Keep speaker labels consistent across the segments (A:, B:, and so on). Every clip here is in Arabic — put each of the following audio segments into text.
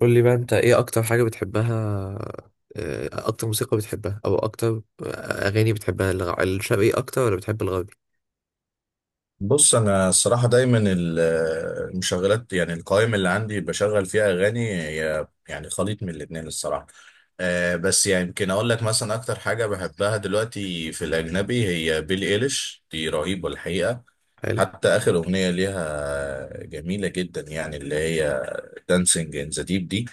A: قول لي بقى انت ايه اكتر حاجة بتحبها؟ اكتر موسيقى بتحبها او اكتر اغاني بتحبها، الشرقي اكتر ولا بتحب الغربي؟
B: بص، انا الصراحه دايما المشغلات، يعني القائمه اللي عندي بشغل فيها اغاني هي يعني خليط من الاتنين الصراحه. بس يعني يمكن اقول لك مثلا اكتر حاجه بحبها دلوقتي في الاجنبي هي بيلي ايليش، دي رهيبه الحقيقه.
A: حلو،
B: حتى اخر اغنيه ليها جميله جدا، يعني اللي هي دانسينج ان ذا ديب دي.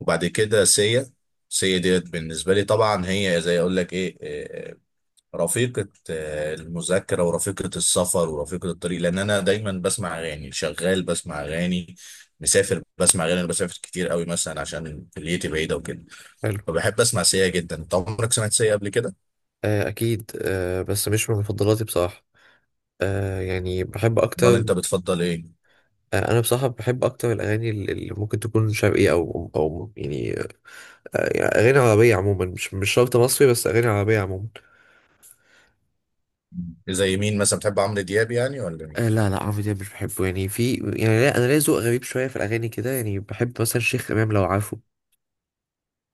B: وبعد كده سيا ديت بالنسبه لي طبعا هي زي اقول لك ايه، رفيقة المذاكرة ورفيقة السفر ورفيقة الطريق، لأن أنا دايما بسمع أغاني، شغال بسمع أغاني، مسافر بسمع أغاني. أنا بسافر كتير قوي مثلا عشان كليتي بعيدة وكده،
A: حلو.
B: فبحب أسمع سيا جدا. أنت عمرك سمعت سيا قبل كده؟
A: اكيد. بس مش من مفضلاتي بصراحة. يعني بحب
B: ولا
A: اكتر.
B: أنت بتفضل إيه؟
A: انا بصراحة بحب اكتر الاغاني اللي ممكن تكون شرقي او يعني، يعني اغاني عربية عموما، مش شرط مصري، بس اغاني عربية عموما.
B: زي مين مثلا، بتحب عمرو دياب يعني ولا مين؟
A: لا، لا، عمرو دياب مش بحبه. يعني في يعني لا، انا ليا ذوق غريب شويه في الاغاني كده، يعني بحب مثلا شيخ امام لو عارفه.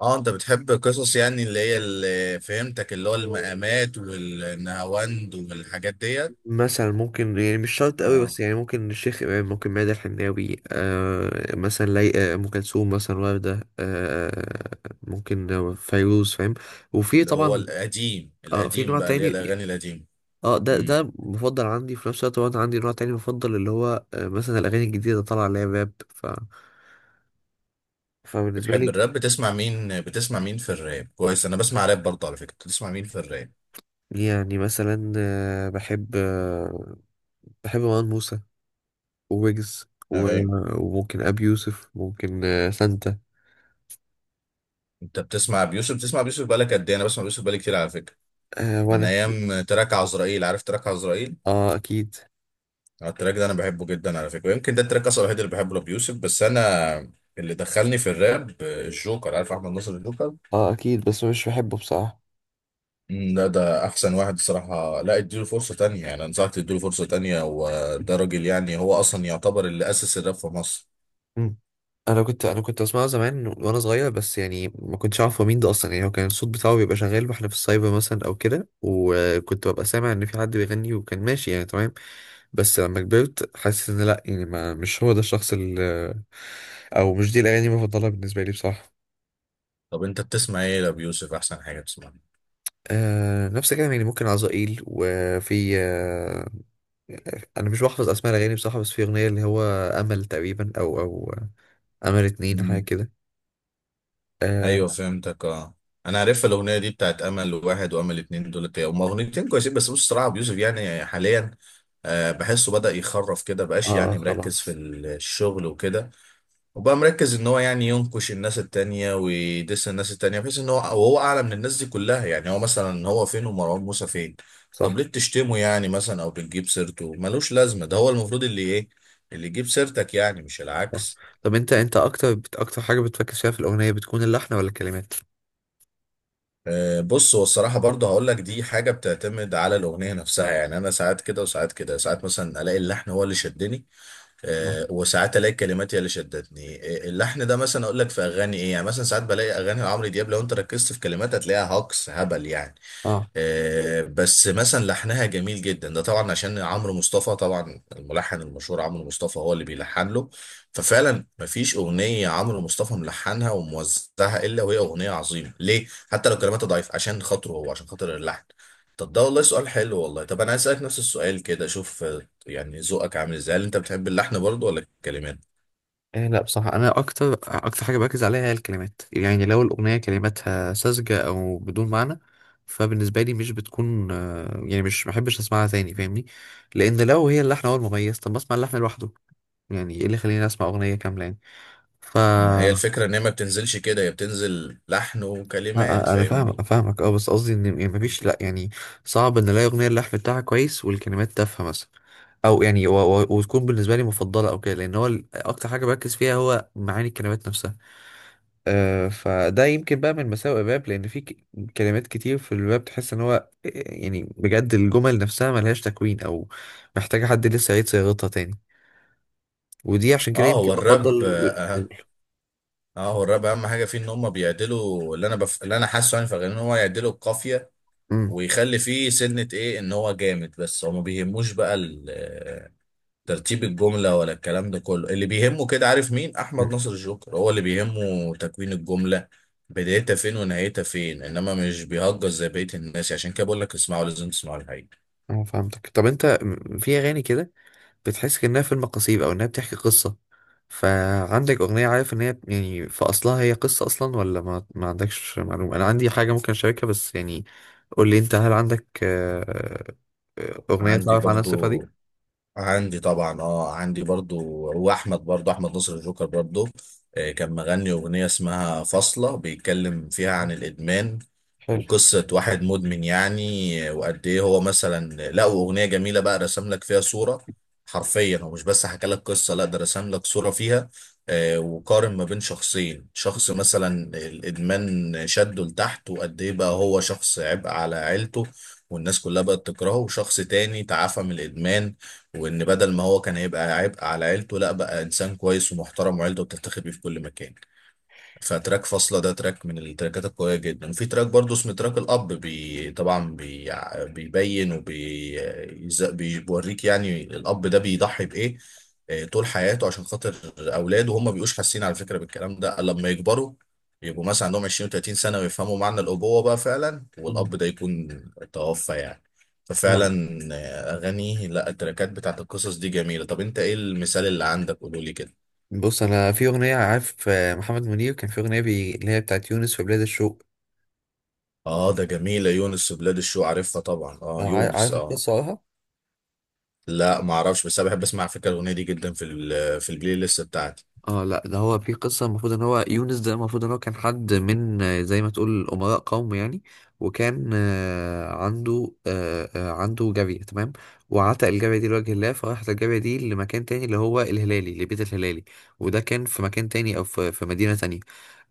B: اه، انت بتحب قصص يعني، اللي هي اللي فهمتك اللي هو المقامات والنهاوند والحاجات ديت.
A: مثلا ممكن، يعني مش شرط قوي،
B: اه،
A: بس يعني ممكن الشيخ إمام، ممكن ميادة الحناوي، مثلا لي، أم كلثوم مثلا، وردة، ممكن فيروز، فاهم. وفي
B: اللي هو
A: طبعا.
B: القديم
A: في
B: القديم
A: نوع
B: بقى، اللي هي
A: تاني.
B: الاغاني القديمه.
A: اه، ده مفضل عندي. في نفس الوقت برضه عندي نوع تاني مفضل، اللي هو مثلا الأغاني الجديدة طالعة اللي هي راب. فبالنسبة
B: بتحب
A: لي،
B: الراب؟ بتسمع مين، بتسمع مين في الراب؟ كويس، انا بسمع راب برضه على فكره. بتسمع مين في الراب؟
A: يعني مثلا بحب، بحب مروان موسى، وويجز
B: ايوه،
A: وممكن أبي يوسف، ممكن سانتا.
B: انت بتسمع بيوسف بقالك قد ايه؟ انا بسمع بيوسف بقالي كتير على فكره، من
A: وأنا.
B: ايام تراك عزرائيل. عارف تراك عزرائيل؟
A: اه اكيد.
B: التراك ده انا بحبه جدا على فكره، ويمكن ده التراك اصلا الوحيد اللي بحبه لبيوسف. بس انا اللي دخلني في الراب الجوكر. عارف احمد ناصر الجوكر؟
A: اه اكيد بس مش بحبه بصراحه.
B: لا، ده احسن واحد الصراحه. لا اديله فرصه تانية، يعني انصحك تديله فرصه تانية، وده راجل يعني هو اصلا يعتبر اللي اسس الراب في مصر.
A: مم. انا كنت بسمعه زمان وانا صغير، بس يعني ما كنتش اعرف هو مين ده اصلا. يعني هو كان الصوت بتاعه بيبقى شغال واحنا في السايبر مثلا او كده، وكنت ببقى سامع ان في حد بيغني وكان ماشي يعني تمام. بس لما كبرت حاسس ان لا، يعني ما مش هو ده الشخص اللي، او مش دي الاغاني المفضله بالنسبه لي بصراحه.
B: طب انت بتسمع ايه لابيوسف؟ احسن حاجه بتسمعها.
A: نفس الكلام، يعني ممكن عزائيل، وفي انا مش بحفظ اسماء الاغاني بصراحه. بس في اغنيه اللي هو امل تقريبا، او او امل اتنين، حاجه
B: مم.
A: كده.
B: ايوه
A: اه.
B: فهمتك اه. انا عارف الاغنيه دي، بتاعت امل واحد وامل اتنين، دولت هما اغنيتين كويسين. بس بص الصراحه ابو يوسف يعني حاليا بحسه بدا يخرف كده، بقاش
A: اه
B: يعني مركز في
A: خلاص.
B: الشغل وكده. وبقى مركز ان هو يعني ينكش الناس التانية ويدس الناس التانية، بحيث ان هو وهو اعلى من الناس دي كلها. يعني هو مثلا هو فين ومروان موسى فين؟ طب
A: صح.
B: ليه بتشتمه يعني مثلا، او بتجيب سيرته ملوش لازمه؟ ده هو المفروض اللي ايه، اللي يجيب سيرتك، يعني مش
A: صح.
B: العكس.
A: طب انت، انت اكتر اكتر حاجه بتركز فيها في الاغنيه بتكون اللحن ولا الكلمات؟
B: بص هو الصراحة برضه هقول لك دي حاجة بتعتمد على الأغنية نفسها. يعني أنا ساعات كده وساعات كده، ساعات مثلا ألاقي اللحن هو اللي شدني،
A: اه.
B: وساعات ألاقي الكلمات هي اللي شدتني. اللحن ده مثلا أقول لك في أغاني إيه، يعني مثلا ساعات بلاقي أغاني عمرو دياب لو أنت ركزت في كلماتها تلاقيها هجص هبل يعني.
A: اه،
B: بس مثلا لحنها جميل جدا، ده طبعا عشان عمرو مصطفى، طبعا الملحن المشهور عمرو مصطفى هو اللي بيلحن له. ففعلا مفيش اغنيه عمرو مصطفى ملحنها وموزعها الا وهي اغنيه عظيمه ليه، حتى لو كلماتها ضعيف، عشان خاطره هو، عشان خاطر اللحن. طب ده والله سؤال حلو والله. طب انا هسألك نفس السؤال كده، شوف يعني ذوقك عامل ازاي، هل انت بتحب اللحن برضه ولا الكلمات؟
A: إيه، لا بصراحة أنا أكتر حاجة بركز عليها هي الكلمات. يعني لو الأغنية كلماتها ساذجة أو بدون معنى، فبالنسبة لي مش بتكون، يعني مش محبش أسمعها تاني، فاهمني. لأن لو هي اللحن هو المميز، طب ما أسمع اللحن لوحده. يعني إيه اللي يخليني أسمع أغنية كاملة يعني؟ ف
B: ما هي الفكره ان هي ما بتنزلش كده، هي بتنزل لحن وكلمات،
A: أنا فاهم،
B: فاهمني.
A: فاهمك. اه بس قصدي ان، يعني مفيش، لا يعني صعب ان الاقي اغنيه اللحن بتاعها كويس والكلمات تافهه مثلا، او يعني وتكون بالنسبه لي مفضله او كده، لان هو اكتر حاجه بركز فيها هو معاني الكلمات نفسها. فده يمكن بقى من مساوئ الراب، لان في كلمات كتير في الراب تحس ان هو، يعني بجد الجمل نفسها ملهاش تكوين، او محتاجه حد لسه يعيد صياغتها تاني. ودي عشان كده
B: اه
A: يمكن
B: هو الراب
A: بفضل.
B: اهم حاجه فيه ان هم بيعدلوا اللي انا حاسه يعني في الاغاني، ان هو يعدلوا القافيه
A: امم.
B: ويخلي فيه سنه ايه ان هو جامد، بس هو ما بيهموش بقى ترتيب الجمله ولا الكلام ده كله. اللي بيهمه كده عارف مين؟ احمد
A: أمم.
B: ناصر الجوكر، هو اللي بيهمه تكوين الجمله، بدايتها فين ونهايتها فين، انما مش بيهجس زي بقيه الناس. عشان كده بقول لك اسمعوا، لازم تسمعوا الحقيقه.
A: اه فهمتك. طب انت، في اغاني كده بتحس كأنها فيلم قصير أو إنها بتحكي قصة، فعندك أغنية عارف إن هي يعني في أصلها هي قصة أصلا، ولا ما عندكش معلومة؟ أنا عندي حاجة ممكن أشاركها، بس يعني قول لي أنت، هل عندك أغنية
B: عندي
A: تعرف عنها الصفة
B: برضو،
A: دي؟
B: عندي طبعا اه، عندي برضو. هو احمد برضو، احمد نصر الجوكر برضو، كان مغني اغنيه اسمها فاصله بيتكلم فيها
A: آه،
B: عن الادمان
A: حلو.
B: وقصه واحد مدمن يعني. وقد ايه هو مثلا، لا واغنيه جميله بقى، رسم لك فيها صوره، حرفيا هو مش بس حكى لك قصه، لا ده رسم لك صوره فيها. وقارن ما بين شخصين، شخص مثلا الادمان شده لتحت وقد ايه بقى هو شخص عبء على عيلته والناس كلها بقت تكرهه، وشخص تاني تعافى من الادمان، وان بدل ما هو كان هيبقى عبء على عيلته لا بقى انسان كويس ومحترم وعيلته بتفتخر بيه في كل مكان. فتراك فاصلة ده تراك من التراكات القوية جدا. وفي تراك برضه اسمه تراك الأب، بي طبعا بي، بيبين وبيوريك يعني الأب ده بيضحي بإيه طول حياته عشان خاطر أولاده، وهم بيبقوش حاسين على فكرة بالكلام ده لما يكبروا، يبقوا مثلا عندهم 20 و30 سنة ويفهموا معنى الأبوة بقى فعلا،
A: مم.
B: والأب ده يكون توفى يعني. ففعلا
A: تمام.
B: أغاني، لا التراكات بتاعت القصص دي جميلة. طب أنت إيه المثال اللي عندك؟ قولولي كده.
A: بص أنا في أغنية عارف، محمد منير كان في أغنية، اللي هي بتاعت يونس في بلاد الشوق.
B: اه ده جميلة، يونس بلاد الشو، عارفها طبعا، اه يونس
A: عارف
B: اه.
A: القصة وراها؟
B: لا ما اعرفش، بس انا بحب اسمع على فكرة الاغنية دي جدا، في في البلاي ليست بتاعتي.
A: اه لا، ده هو في قصة. المفروض ان هو يونس ده المفروض ان هو كان حد من، زي ما تقول امراء قوم يعني. وكان عنده، عنده جارية، تمام. وعتق الجارية دي لوجه الله، فراحت الجارية دي لمكان تاني، اللي هو الهلالي، لبيت الهلالي. وده كان في مكان تاني، او في في مدينة تانية.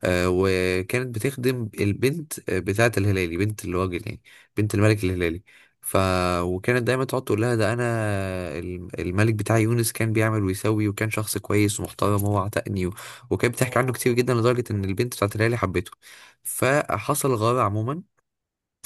A: وكانت بتخدم البنت، بتاعة الهلالي، بنت الراجل يعني، بنت الملك الهلالي. ف وكانت دايما تقعد تقول لها ده انا، الملك بتاع يونس كان بيعمل ويسوي، وكان شخص كويس ومحترم، وهو عتقني وكانت بتحكي عنه كتير جدا، لدرجة ان البنت بتاعة الهلالي حبته. فحصل غارة عموما،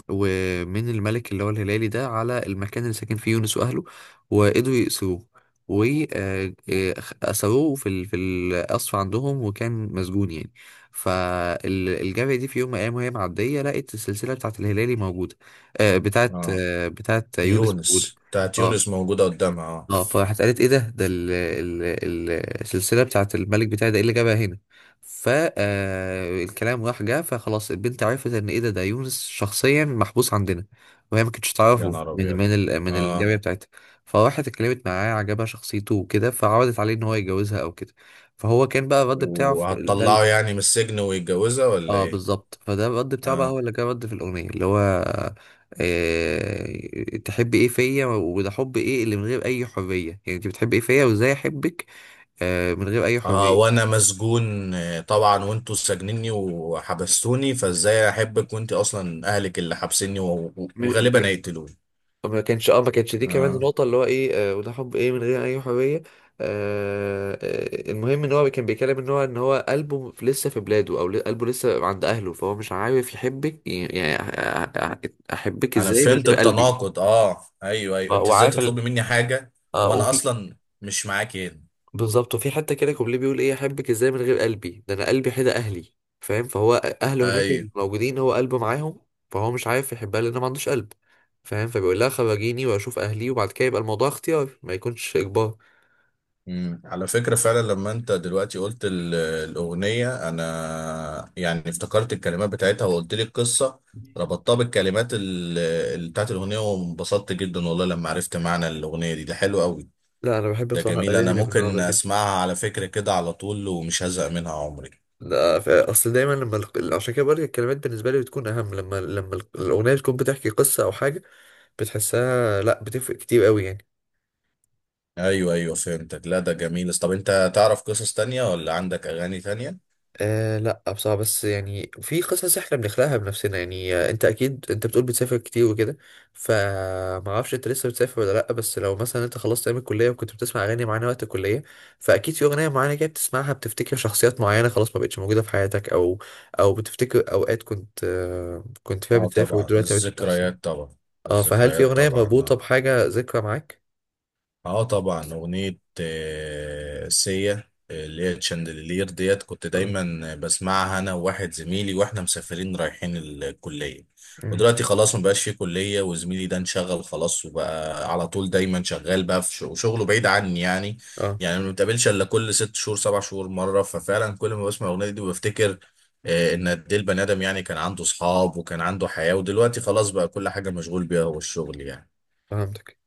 A: ومن الملك اللي هو الهلالي ده على المكان اللي ساكن فيه يونس واهله. وقدروا يأسروه، وأسروه في في القصر عندهم، وكان مسجون يعني. فالجارية دي في يوم من الأيام، وهي معدية، لقت السلسلة بتاعت الهلالي موجودة، بتاعت
B: اه
A: بتاعت يونس موجودة.
B: يونس، بتاعت
A: اه.
B: يونس موجودة قدامها اه.
A: اه فراحت قالت ايه ده، ده ال ال ال السلسله بتاعت الملك بتاعي ده ايه اللي جابها هنا. ف الكلام راح جه، فخلاص البنت عرفت ان ايه، ده ده يونس شخصيا محبوس عندنا، وهي ما كانتش
B: يا
A: تعرفه
B: نهار
A: من
B: ابيض
A: من ال من
B: اه.
A: الجاريه بتاعتها. فراحت اتكلمت معاه، عجبها شخصيته وكده، فعرضت عليه ان هو يتجوزها او كده. فهو كان بقى الرد بتاعه
B: وهتطلعه
A: ده.
B: يعني من السجن ويتجوزها ولا
A: اه
B: ايه؟
A: بالظبط. فده الرد بتاعه بقى هو
B: اه.
A: اللي كان رد في الاغنيه، اللي هو إيه تحب ايه فيا، وده حب ايه اللي من غير اي حريه. يعني انت بتحب ايه فيا وازاي احبك من غير اي
B: اه
A: حريه.
B: وانا مسجون طبعا، وانتوا سجنني وحبستوني، فازاي احبك وانت اصلا اهلك اللي حبسني
A: م- م-
B: وغالبا هيقتلوني.
A: ما كانش، اه ما كانش دي كمان
B: اه
A: النقطة، اللي هو ايه وده حب ايه من غير اي حرية. آه، المهم ان هو كان بيتكلم ان هو ان هو قلبه لسه في بلاده، او قلبه لسه عند اهله. فهو مش عارف يحبك يعني. يعني احبك
B: انا
A: ازاي من
B: فهمت
A: غير قلبي.
B: التناقض، اه ايوه ايوه،
A: آه،
B: انت ازاي
A: وعارف ال...
B: تطلبي مني حاجه
A: اه
B: وانا
A: وفي،
B: اصلا مش معاكي هنا.
A: بالظبط وفي حتة كده كوبليه بيقول ايه، احبك ازاي من غير قلبي، ده انا قلبي حدا اهلي. فاهم. فهو اهله هناك
B: ايوه.
A: الموجودين، هو قلبه معاهم، فهو مش عارف يحبها لانه ما عندوش قلب. فاهم. فبيقول لها خرجيني واشوف اهلي، وبعد كده يبقى الموضوع اختيار، ما يكونش اجبار.
B: امم، على فكره فعلا لما انت دلوقتي قلت الاغنيه، انا يعني افتكرت الكلمات بتاعتها وقلت لي القصه، ربطتها بالكلمات بتاعت الاغنيه، وانبسطت جدا والله لما عرفت معنى الاغنيه دي. ده حلو قوي،
A: لا انا بحب
B: ده
A: بصراحه
B: جميل.
A: الاغاني
B: انا
A: اللي من النوع
B: ممكن
A: ده جدا.
B: اسمعها على فكره كده على طول ومش هزهق منها عمري.
A: ده اصل دايما، لما عشان كده بقول لك الكلمات بالنسبه لي بتكون اهم، لما الاغنيه تكون بتحكي قصه او حاجه بتحسها، لا بتفرق كتير قوي يعني.
B: ايوه ايوه فهمتك، لا ده جميل. طب انت تعرف قصص تانية ولا عندك اغاني تانية؟
A: لا بصراحة. بس يعني في قصص احنا بنخلقها بنفسنا يعني. انت اكيد، انت بتقول بتسافر كتير وكده، فما اعرفش انت لسه بتسافر ولا لا. بس لو مثلا انت خلصت ايام الكلية وكنت بتسمع اغاني معانا وقت الكلية، فاكيد في اغنية معانا كده بتسمعها بتفتكر شخصيات معينة خلاص ما بقتش موجودة في حياتك، او او بتفتكر اوقات كنت كنت فيها
B: اه
A: بتسافر
B: طبعا
A: ودلوقتي ما بقتش بتحصل.
B: الذكريات طبعا،
A: اه فهل في
B: الذكريات
A: اغنية
B: طبعا
A: مربوطة
B: آه.
A: بحاجة ذكرى معاك؟
B: اه طبعا اغنية سيا اللي هي تشاندلير ديت، كنت
A: اه.
B: دايما بسمعها انا وواحد زميلي واحنا مسافرين رايحين الكلية.
A: مم.
B: ودلوقتي خلاص مبقاش في كلية، وزميلي ده انشغل خلاص وبقى على طول دايما شغال، بقى في وشغله بعيد عني يعني.
A: اه
B: يعني ما بنتقابلش الا كل ست شهور سبع شهور مرة. ففعلا كل ما بسمع الاغنية دي بفتكر ان قد ايه البني ادم يعني كان عنده صحاب وكان عنده حياة، ودلوقتي خلاص بقى كل حاجة مشغول بيها هو الشغل يعني.
A: فهمتك.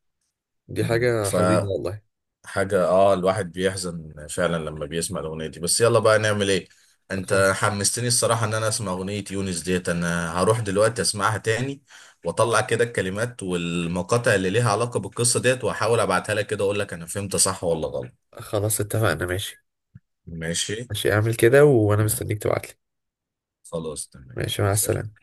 A: دي
B: مم.
A: حاجة حزينة والله.
B: حاجة اه، الواحد بيحزن فعلا لما بيسمع الأغنية دي، بس يلا بقى نعمل ايه.
A: صح.
B: انت حمستني الصراحة ان انا اسمع أغنية يونس ديت، انا هروح دلوقتي اسمعها تاني واطلع كده الكلمات والمقاطع اللي ليها علاقة بالقصة ديت، واحاول ابعتها لك كده اقول لك انا فهمت صح ولا غلط.
A: خلاص اتفقنا، ماشي.
B: ماشي.
A: ماشي اعمل كده وانا
B: نعم.
A: مستنيك تبعتلي.
B: خلاص تمام.
A: ماشي مع
B: سلام.
A: السلامة.